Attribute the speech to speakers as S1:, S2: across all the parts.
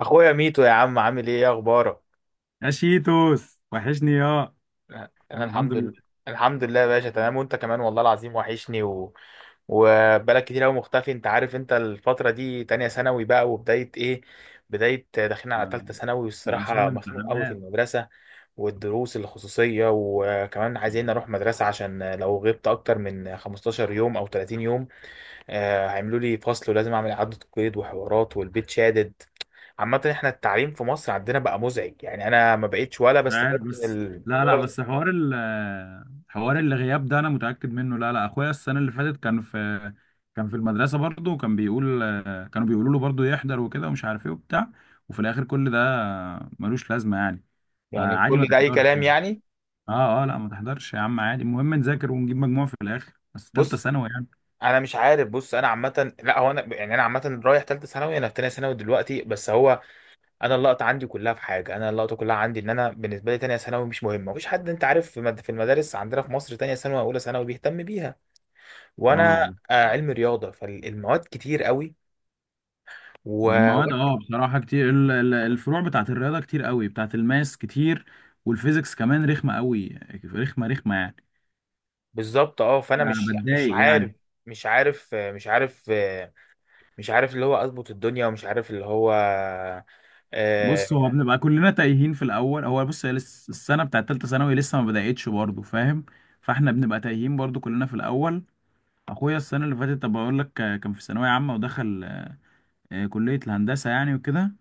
S1: اخويا ميتو يا عم عامل ايه اخبارك.
S2: يا شيتوس وحشني يا انا
S1: انا
S2: الحمد
S1: الحمد
S2: لله.
S1: لله، الحمد لله يا باشا، تمام. وانت كمان والله العظيم وحشني وبقالك كتير قوي مختفي. انت عارف انت الفترة دي تانية ثانوي بقى، وبداية ايه بداية داخلين على تالتة
S2: ما-
S1: ثانوي،
S2: عشان
S1: والصراحة مخنوق قوي في
S2: الامتحانات.
S1: المدرسة والدروس الخصوصية، وكمان عايزين نروح مدرسة عشان لو غبت اكتر من 15 يوم او 30 يوم، هيعملوا لي فصل، ولازم اعمل اعاده قيد وحوارات، والبيت شادد. عامه احنا التعليم في مصر عندنا بقى مزعج، يعني انا ما بقتش ولا
S2: مش عارف،
S1: بستفاد من
S2: بس لا لا،
S1: ولا.
S2: بس حوار حوار الغياب ده انا متأكد منه. لا لا، اخويا السنة اللي فاتت كان في المدرسة برضه، وكان بيقول، كانوا بيقولوا له برضه يحضر وكده ومش عارف ايه وبتاع، وفي الاخر كل ده ملوش لازمة يعني.
S1: يعني
S2: عادي ما
S1: كل ده اي
S2: تحضرش
S1: كلام
S2: يعني.
S1: يعني.
S2: اه اه، لا ما تحضرش يا عم، عادي، المهم نذاكر ونجيب مجموع في الاخر، بس تالتة
S1: بص،
S2: ثانوي يعني.
S1: انا مش عارف. بص انا عامه، لا، هو انا يعني، عامه رايح ثالثه ثانوي، انا في ثانيه ثانوي دلوقتي، بس هو انا اللقطه كلها عندي ان انا بالنسبه لي ثانيه ثانوي مش مهمه. مفيش حد انت عارف في المدارس عندنا في مصر ثانيه ثانوي واولى ثانوي بيهتم بيها. وانا
S2: اه،
S1: علم رياضه، فالمواد كتير قوي
S2: يعني
S1: و...
S2: مواد اه بصراحة كتير، الفروع بتاعت الرياضة كتير قوي، بتاعت الماس كتير، والفيزيكس كمان رخمة قوي، رخمة رخمة يعني.
S1: بالظبط. اه فانا
S2: انا
S1: مش
S2: بتضايق
S1: عارف،
S2: يعني.
S1: مش عارف مش عارف مش عارف اللي هو اظبط الدنيا، ومش عارف اللي هو
S2: بص، هو
S1: آه،
S2: بنبقى كلنا تايهين في الاول. هو بص، السنة بتاعت تالتة ثانوي لسه ما بدأتش برضه، فاهم؟ فاحنا بنبقى تايهين برضه كلنا في الاول. اخويا السنة اللي فاتت، طب بقول لك، كان في ثانوية عامة ودخل كلية الهندسة يعني وكده.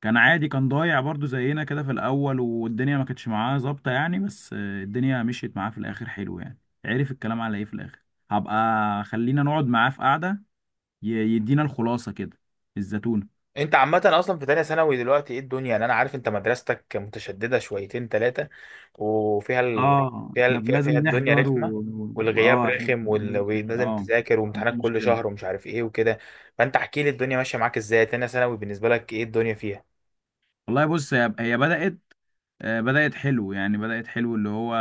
S2: كان عادي، كان ضايع برضو زينا كده في الاول، والدنيا ما كانتش معاه ظابطه يعني، بس الدنيا مشيت معاه في الاخر حلو يعني. عرف الكلام على ايه في الاخر. هبقى خلينا نقعد معاه في قعده يدينا الخلاصه كده، الزتونه.
S1: انت عامه اصلا في تانية ثانوي دلوقتي ايه الدنيا؟ يعني انا عارف انت مدرستك متشدده شويتين ثلاثه، وفيها ال...
S2: اه
S1: فيها
S2: احنا
S1: ال... فيها فيها
S2: لازم
S1: الدنيا
S2: نحضر و...
S1: رخمه،
S2: و...
S1: والغياب
S2: واه احنا
S1: رخم،
S2: لازم نحضر
S1: ولازم
S2: اه.
S1: تذاكر،
S2: مفيش
S1: وامتحانات كل
S2: مشكله.
S1: شهر، ومش عارف ايه وكده. فانت احكي لي الدنيا ماشيه معاك ازاي تانية ثانوي، بالنسبه لك ايه الدنيا فيها؟
S2: والله بص، هي بدأت، بدأت حلو يعني، بدأت حلو، اللي هو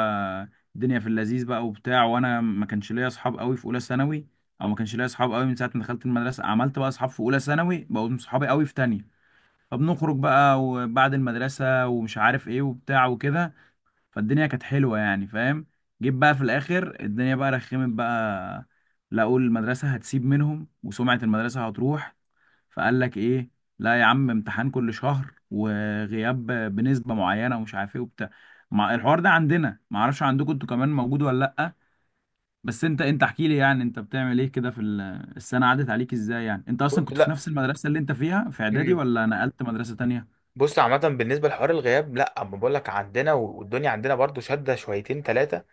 S2: الدنيا في اللذيذ بقى وبتاع. وانا ما كانش ليا اصحاب قوي في اولى ثانوي، او ما كانش ليا اصحاب قوي من ساعة ما دخلت المدرسة. عملت بقى اصحاب في اولى ثانوي، بقوا صحابي قوي في تانية، فبنخرج بقى وبعد المدرسة ومش عارف ايه وبتاع وكده، فالدنيا كانت حلوة يعني، فاهم؟ جيت بقى في الاخر الدنيا بقى رخمت بقى. لا اقول المدرسة هتسيب منهم وسمعة المدرسة هتروح، فقال لك ايه، لا يا عم، امتحان كل شهر وغياب بنسبة معينة ومش عارف ايه وبتاع. مع الحوار ده عندنا، ما اعرفش عندكم انتوا كمان موجود ولا لا. بس انت، احكي لي يعني، انت بتعمل ايه كده في السنة، عدت عليك ازاي؟ يعني انت اصلا كنت في
S1: لا،
S2: نفس المدرسة اللي انت فيها في اعدادي ولا نقلت مدرسة تانية؟
S1: بص عامة بالنسبة لحوار الغياب، لا، اما بقول لك عندنا والدنيا عندنا برضو شادة شويتين ثلاثة،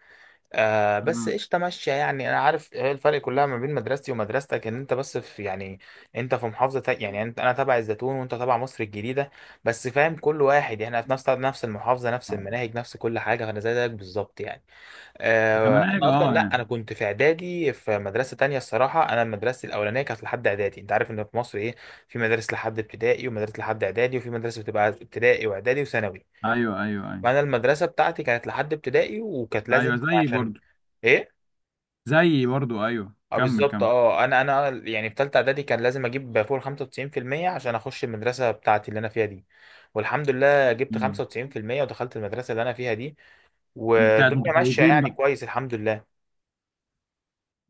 S1: آه، بس
S2: مم.
S1: قشطة ماشية يعني. انا عارف هي الفرق كلها ما بين مدرستي ومدرستك ان انت بس في يعني، انت في محافظة يعني انا تبع الزيتون وانت تبع مصر الجديدة بس، فاهم؟ كل واحد يعني احنا في نفس المحافظة، نفس
S2: آه.
S1: المناهج، نفس كل حاجة، فانا زي زيك بالظبط يعني.
S2: كمناهج
S1: انا
S2: اه
S1: اصلا لا،
S2: يعني.
S1: انا كنت في اعدادي في مدرسه تانية. الصراحه انا مدرستي الاولانيه كانت لحد اعدادي. انت عارف ان في مصر ايه؟ في مدارس لحد ابتدائي، ومدارس لحد اعدادي، وفي مدرسه بتبقى ابتدائي واعدادي وثانوي.
S2: ايوه ايوه ايوه.
S1: فانا المدرسه بتاعتي كانت لحد ابتدائي، وكانت لازم
S2: ايوه زيي
S1: عشان
S2: برضو،
S1: ايه.
S2: زيي برضو، ايوه،
S1: اه
S2: كمل
S1: بالظبط،
S2: كمل.
S1: اه، انا يعني في ثالثه اعدادي كان لازم اجيب فوق ال 95% عشان اخش المدرسه بتاعتي اللي انا فيها دي، والحمد لله جبت
S2: مم.
S1: 95% ودخلت المدرسه اللي انا فيها دي،
S2: دي بتاعت
S1: والدنيا ماشيه
S2: متفوقين
S1: يعني
S2: بقى.
S1: كويس، الحمد لله.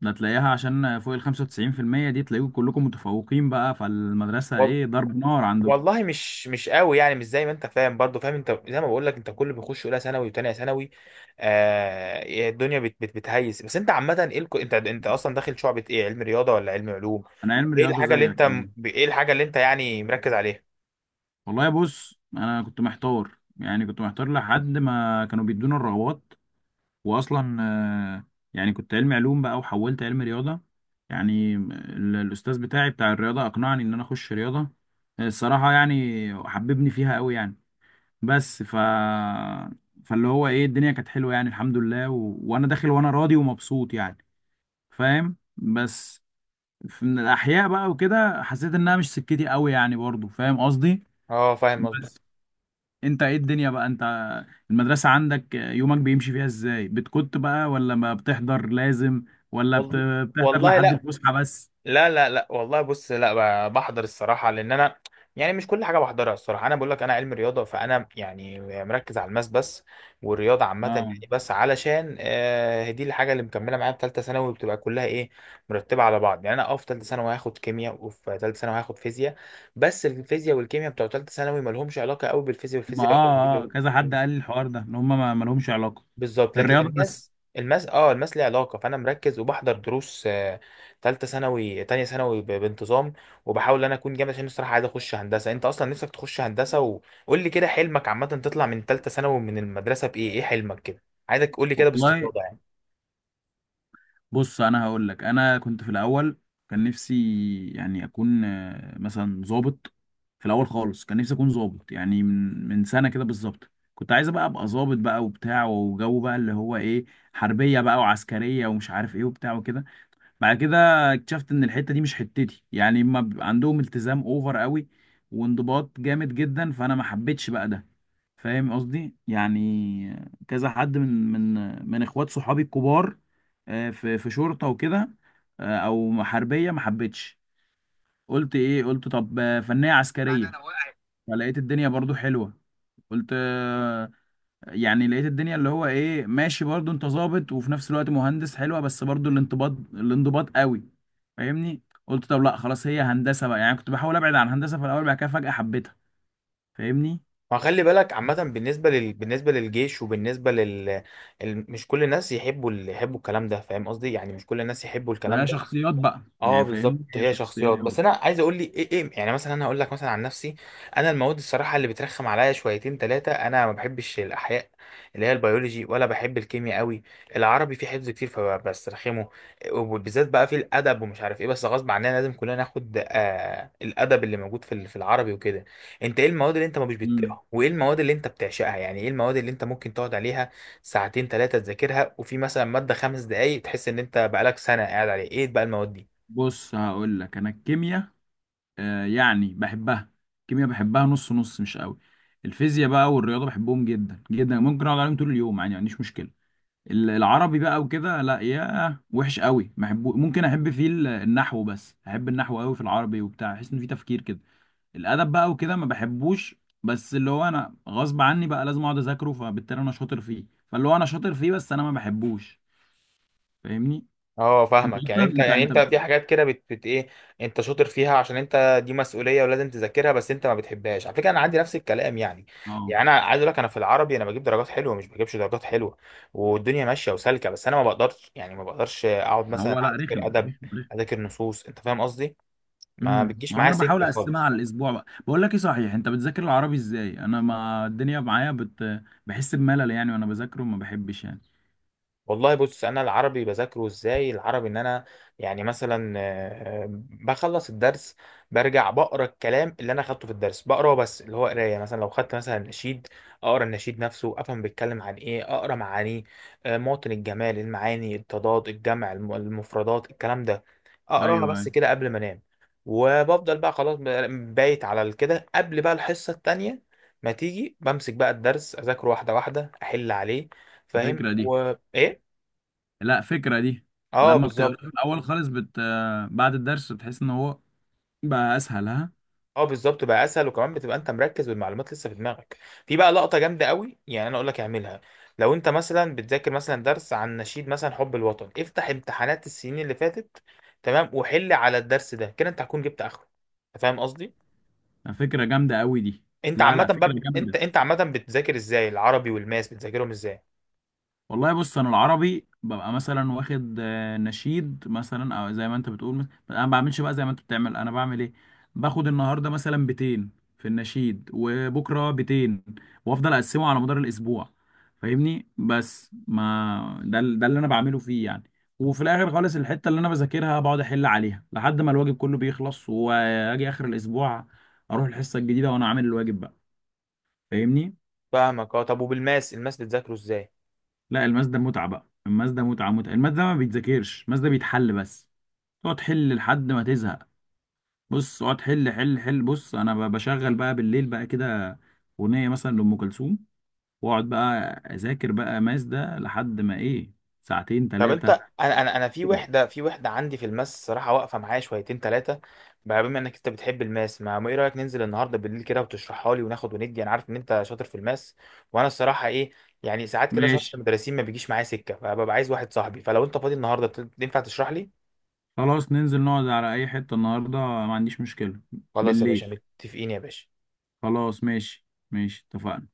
S2: ده تلاقيها عشان فوق ال 95%، دي تلاقيكم كلكم متفوقين بقى، فالمدرسة ايه، ضرب نار عندكم؟
S1: والله مش، مش قوي يعني، مش زي ما انت فاهم برضو. فاهم، انت زي ما بقول لك، انت كل بيخش اولى ثانوي وتانية ثانوي آه الدنيا بت بت بتهيس. بس انت عامه ايه الك... انت انت اصلا داخل شعبة ايه، علم رياضه ولا علم علوم؟
S2: انا علم رياضة زيك آه.
S1: ايه الحاجه اللي انت يعني مركز عليها؟
S2: والله بص، انا كنت محتار يعني، كنت محتار لحد ما كانوا بيدونا الرغبات. واصلا آه، يعني كنت علم علوم بقى وحولت علم رياضة. يعني الاستاذ بتاعي بتاع الرياضة اقنعني ان انا اخش رياضة، الصراحة يعني حببني فيها قوي يعني. بس ف فاللي هو ايه، الدنيا كانت حلوة يعني الحمد لله، وانا داخل وانا راضي ومبسوط يعني، فاهم؟ بس من الاحياء بقى وكده حسيت انها مش سكتي قوي يعني، برضو فاهم قصدي؟
S1: اه فاهم قصدك.
S2: بس انت ايه الدنيا بقى انت، المدرسة عندك يومك بيمشي فيها ازاي، بتكت بقى ولا ما بتحضر لازم، ولا بت-
S1: والله
S2: بتحضر
S1: والله
S2: لحد
S1: لا،
S2: الفسحة بس؟
S1: لا، لا، لا والله. بص، لا، بحضر الصراحة، لأن أنا يعني مش كل حاجة بحضرها. الصراحة أنا بقول لك أنا علم رياضة، فأنا يعني مركز على الماس بس، والرياضة عامة يعني.
S2: اه،
S1: بس علشان آه دي الحاجة اللي مكملة معايا، في تالتة ثانوي بتبقى كلها إيه، مرتبة على بعض يعني. أنا أه في تالتة ثانوي هاخد كيمياء، وفي تالتة ثانوي هاخد فيزياء، بس الفيزياء والكيمياء بتوع تالتة ثانوي مالهمش علاقة قوي بالفيزياء
S2: ما
S1: والفيزياء.
S2: اه اه كذا حد قال لي الحوار ده، ان هم ما لهمش علاقة.
S1: بالظبط، لكن
S2: الرياضة بس.
S1: الماس، الماس ليه علاقه، فانا مركز وبحضر دروس تالتة ثانوي تانية ثانوي بانتظام، وبحاول ان انا اكون جامد، عشان الصراحه عايز اخش هندسه. انت اصلا نفسك تخش هندسه؟ وقول لي كده حلمك عامه، تطلع من تالتة ثانوي من المدرسه بايه، ايه حلمك كده؟ عايزك تقول لي كده
S2: والله
S1: باستفاضه يعني.
S2: بص، انا هقول لك، انا كنت في الاول كان نفسي يعني اكون مثلا ضابط. في الاول خالص كان نفسي اكون ضابط يعني، من سنه كده بالظبط كنت عايز بقى ابقى ضابط بقى وبتاع وجو بقى اللي هو ايه، حربيه بقى وعسكريه ومش عارف ايه وبتاع وكده. بعد كده اكتشفت ان الحته دي مش حتتي يعني، ما بيبقى عندهم التزام اوفر قوي وانضباط جامد جدا، فانا ما حبيتش بقى ده، فاهم قصدي يعني. كذا حد من اخوات صحابي الكبار في في شرطه وكده، او حربيه، ما حبيتش. قلت ايه، قلت طب فنيه عسكريه، فلقيت الدنيا برضو حلوه. قلت يعني لقيت الدنيا اللي هو ايه، ماشي برضو، انت ظابط وفي نفس الوقت مهندس، حلوه، بس برضو الانضباط، الانضباط قوي، فاهمني؟ قلت طب لا خلاص هي هندسه بقى يعني. كنت بحاول ابعد عن هندسه في الاول، بعد كده فجاه حبيتها، فاهمني؟
S1: ما خلي بالك عامه، بالنسبه لل... بالنسبه للجيش وبالنسبه لل ال... مش كل الناس يحبوا ال... يحبوا الكلام ده، فاهم قصدي يعني؟ مش كل الناس يحبوا
S2: ما
S1: الكلام
S2: هي
S1: ده.
S2: شخصيات بقى
S1: اه
S2: يعني،
S1: بالظبط،
S2: فاهمني، هي
S1: هي
S2: شخصيات
S1: شخصيات. بس
S2: برضه.
S1: انا عايز اقول لي ايه، ايه يعني. مثلا انا هقول لك مثلا عن نفسي، انا المواد الصراحه اللي بترخم عليا شويتين ثلاثه، انا ما بحبش الاحياء اللي هي البيولوجي، ولا بحب الكيمياء قوي. العربي فيه حفظ كتير فبسترخمه، وبالذات بقى في الادب ومش عارف ايه. بس غصب عننا لازم كلنا ناخد آه الادب اللي موجود في العربي وكده. انت ايه المواد اللي انت ما مش
S2: امم،
S1: بتطيقها، وايه المواد اللي انت بتعشقها؟ يعني ايه المواد اللي انت ممكن تقعد عليها ساعتين ثلاثه تذاكرها، وفي مثلا ماده خمس دقايق تحس ان انت بقالك سنه قاعد عليه؟ ايه بقى المواد دي؟
S2: بص هقول لك، انا الكيمياء آه يعني بحبها، الكيمياء بحبها نص نص مش قوي. الفيزياء بقى والرياضه بحبهم جدا جدا، ممكن اقعد عليهم طول اليوم يعني، ما عنديش مشكله. العربي بقى وكده لا يا وحش قوي، ما احبه. ممكن احب فيه النحو، بس احب النحو قوي في العربي وبتاع، احس ان فيه تفكير كده. الادب بقى وكده ما بحبوش، بس اللي هو انا غصب عني بقى لازم اقعد اذاكره، فبالتالي انا شاطر فيه. فاللي هو انا شاطر فيه بس انا ما بحبوش، فاهمني؟
S1: اه
S2: انت
S1: فاهمك.
S2: اصلا
S1: يعني انت
S2: انت
S1: يعني
S2: انت
S1: انت في حاجات كده بت, بت ايه، انت شاطر فيها عشان انت دي مسؤوليه ولازم تذاكرها، بس انت ما بتحبهاش. على فكره انا عندي نفس الكلام يعني.
S2: اه.
S1: يعني انا عايز اقول لك، انا في العربي انا بجيب درجات حلوه مش بجيبش درجات حلوه، والدنيا ماشيه وسالكه، بس انا ما بقدرش يعني، ما بقدرش اقعد
S2: ما
S1: مثلا
S2: هو لا،
S1: اذاكر
S2: رخم
S1: ادب،
S2: رخم رخم.
S1: اذاكر نصوص. انت فاهم قصدي؟ ما
S2: امم،
S1: بتجيش
S2: ما هو
S1: معايا
S2: انا بحاول
S1: سكه
S2: اقسمها
S1: خالص.
S2: على الاسبوع بقى. بقول لك ايه، صحيح، انت بتذاكر العربي ازاي؟ انا ما الدنيا معايا بحس بملل يعني وانا بذاكره، ما بحبش يعني.
S1: والله بص، انا العربي بذاكره ازاي؟ العربي ان انا يعني مثلا، بخلص الدرس، برجع بقرا الكلام اللي انا اخدته في الدرس، بقراه بس اللي هو قرايه. مثلا لو خدت مثلا نشيد، اقرا النشيد نفسه، افهم بيتكلم عن ايه، اقرا معانيه، مواطن الجمال، المعاني، التضاد، الجمع، المفردات، الكلام ده. اقراها
S2: ايوه،
S1: بس
S2: أيوة.
S1: كده قبل ما انام، وبفضل بقى خلاص بايت على كده. قبل بقى الحصه التانيه ما تيجي، بمسك بقى الدرس اذاكره واحده واحده، احل عليه. فاهم
S2: الفكره دي،
S1: و ايه؟
S2: لا فكرة دي،
S1: اه
S2: لما بتقرا
S1: بالظبط،
S2: الأول خالص بعد الدرس، بتحس إن هو بقى أسهل، ها؟
S1: اه بالظبط بقى اسهل، وكمان بتبقى انت مركز والمعلومات لسه في دماغك. في بقى لقطه جامده قوي يعني، انا اقول لك اعملها. لو انت مثلا بتذاكر مثلا درس عن نشيد، مثلا حب الوطن، افتح امتحانات السنين اللي فاتت، تمام، وحل على الدرس ده. كده انت هتكون جبت اخره. أنت فاهم قصدي؟
S2: فكرة جامدة أوي دي.
S1: انت
S2: لا
S1: عامه
S2: لا، فكرة
S1: بقى،
S2: جامدة.
S1: انت عامه بتذاكر ازاي العربي، والماس بتذاكرهم ازاي؟
S2: والله بص، انا العربي ببقى مثلا واخد نشيد مثلا. او زي ما انت بتقول انا ما بعملش بقى زي ما انت بتعمل. انا بعمل ايه، باخد النهارده مثلا 200 في النشيد، وبكره 200، وافضل اقسمه على مدار الاسبوع، فاهمني؟ بس ما ده ده اللي انا بعمله فيه يعني. وفي الاخر خالص، الحته اللي انا بذاكرها بقعد احل عليها لحد ما الواجب كله بيخلص، واجي اخر الاسبوع اروح الحصه الجديده وانا عامل الواجب بقى، فاهمني؟
S1: فاهمك. اه طب، وبالماس، الماس بتذاكره ازاي؟
S2: لا الماس ده متعة بقى، الماس ده متعة متعة، الماس ده ما بيتذاكرش، الماس ده بيتحل بس، تقعد تحل لحد ما تزهق. بص اقعد حل حل حل. بص انا بشغل بقى بالليل بقى كده اغنية مثلا لأم كلثوم، واقعد بقى اذاكر بقى ماس ده لحد ما ايه، ساعتين
S1: طب انت،
S2: ثلاثة.
S1: انا في وحده، عندي في الماس صراحه واقفه معايا شويتين ثلاثه بقى، بما انك انت بتحب الماس ما ما ايه رايك ننزل النهارده بالليل كده وتشرحها لي، وناخد وندي. انا عارف ان انت شاطر في الماس، وانا الصراحه ايه، يعني ساعات كده شرح
S2: ماشي،
S1: المدرسين ما بيجيش معايا سكه، فببقى عايز واحد صاحبي. فلو انت فاضي النهارده، ينفع تشرح لي؟
S2: خلاص ننزل نقعد على اي حتة النهاردة، ما عنديش مشكلة.
S1: خلاص يا باشا،
S2: بالليل،
S1: متفقين يا باشا.
S2: خلاص ماشي ماشي، اتفقنا.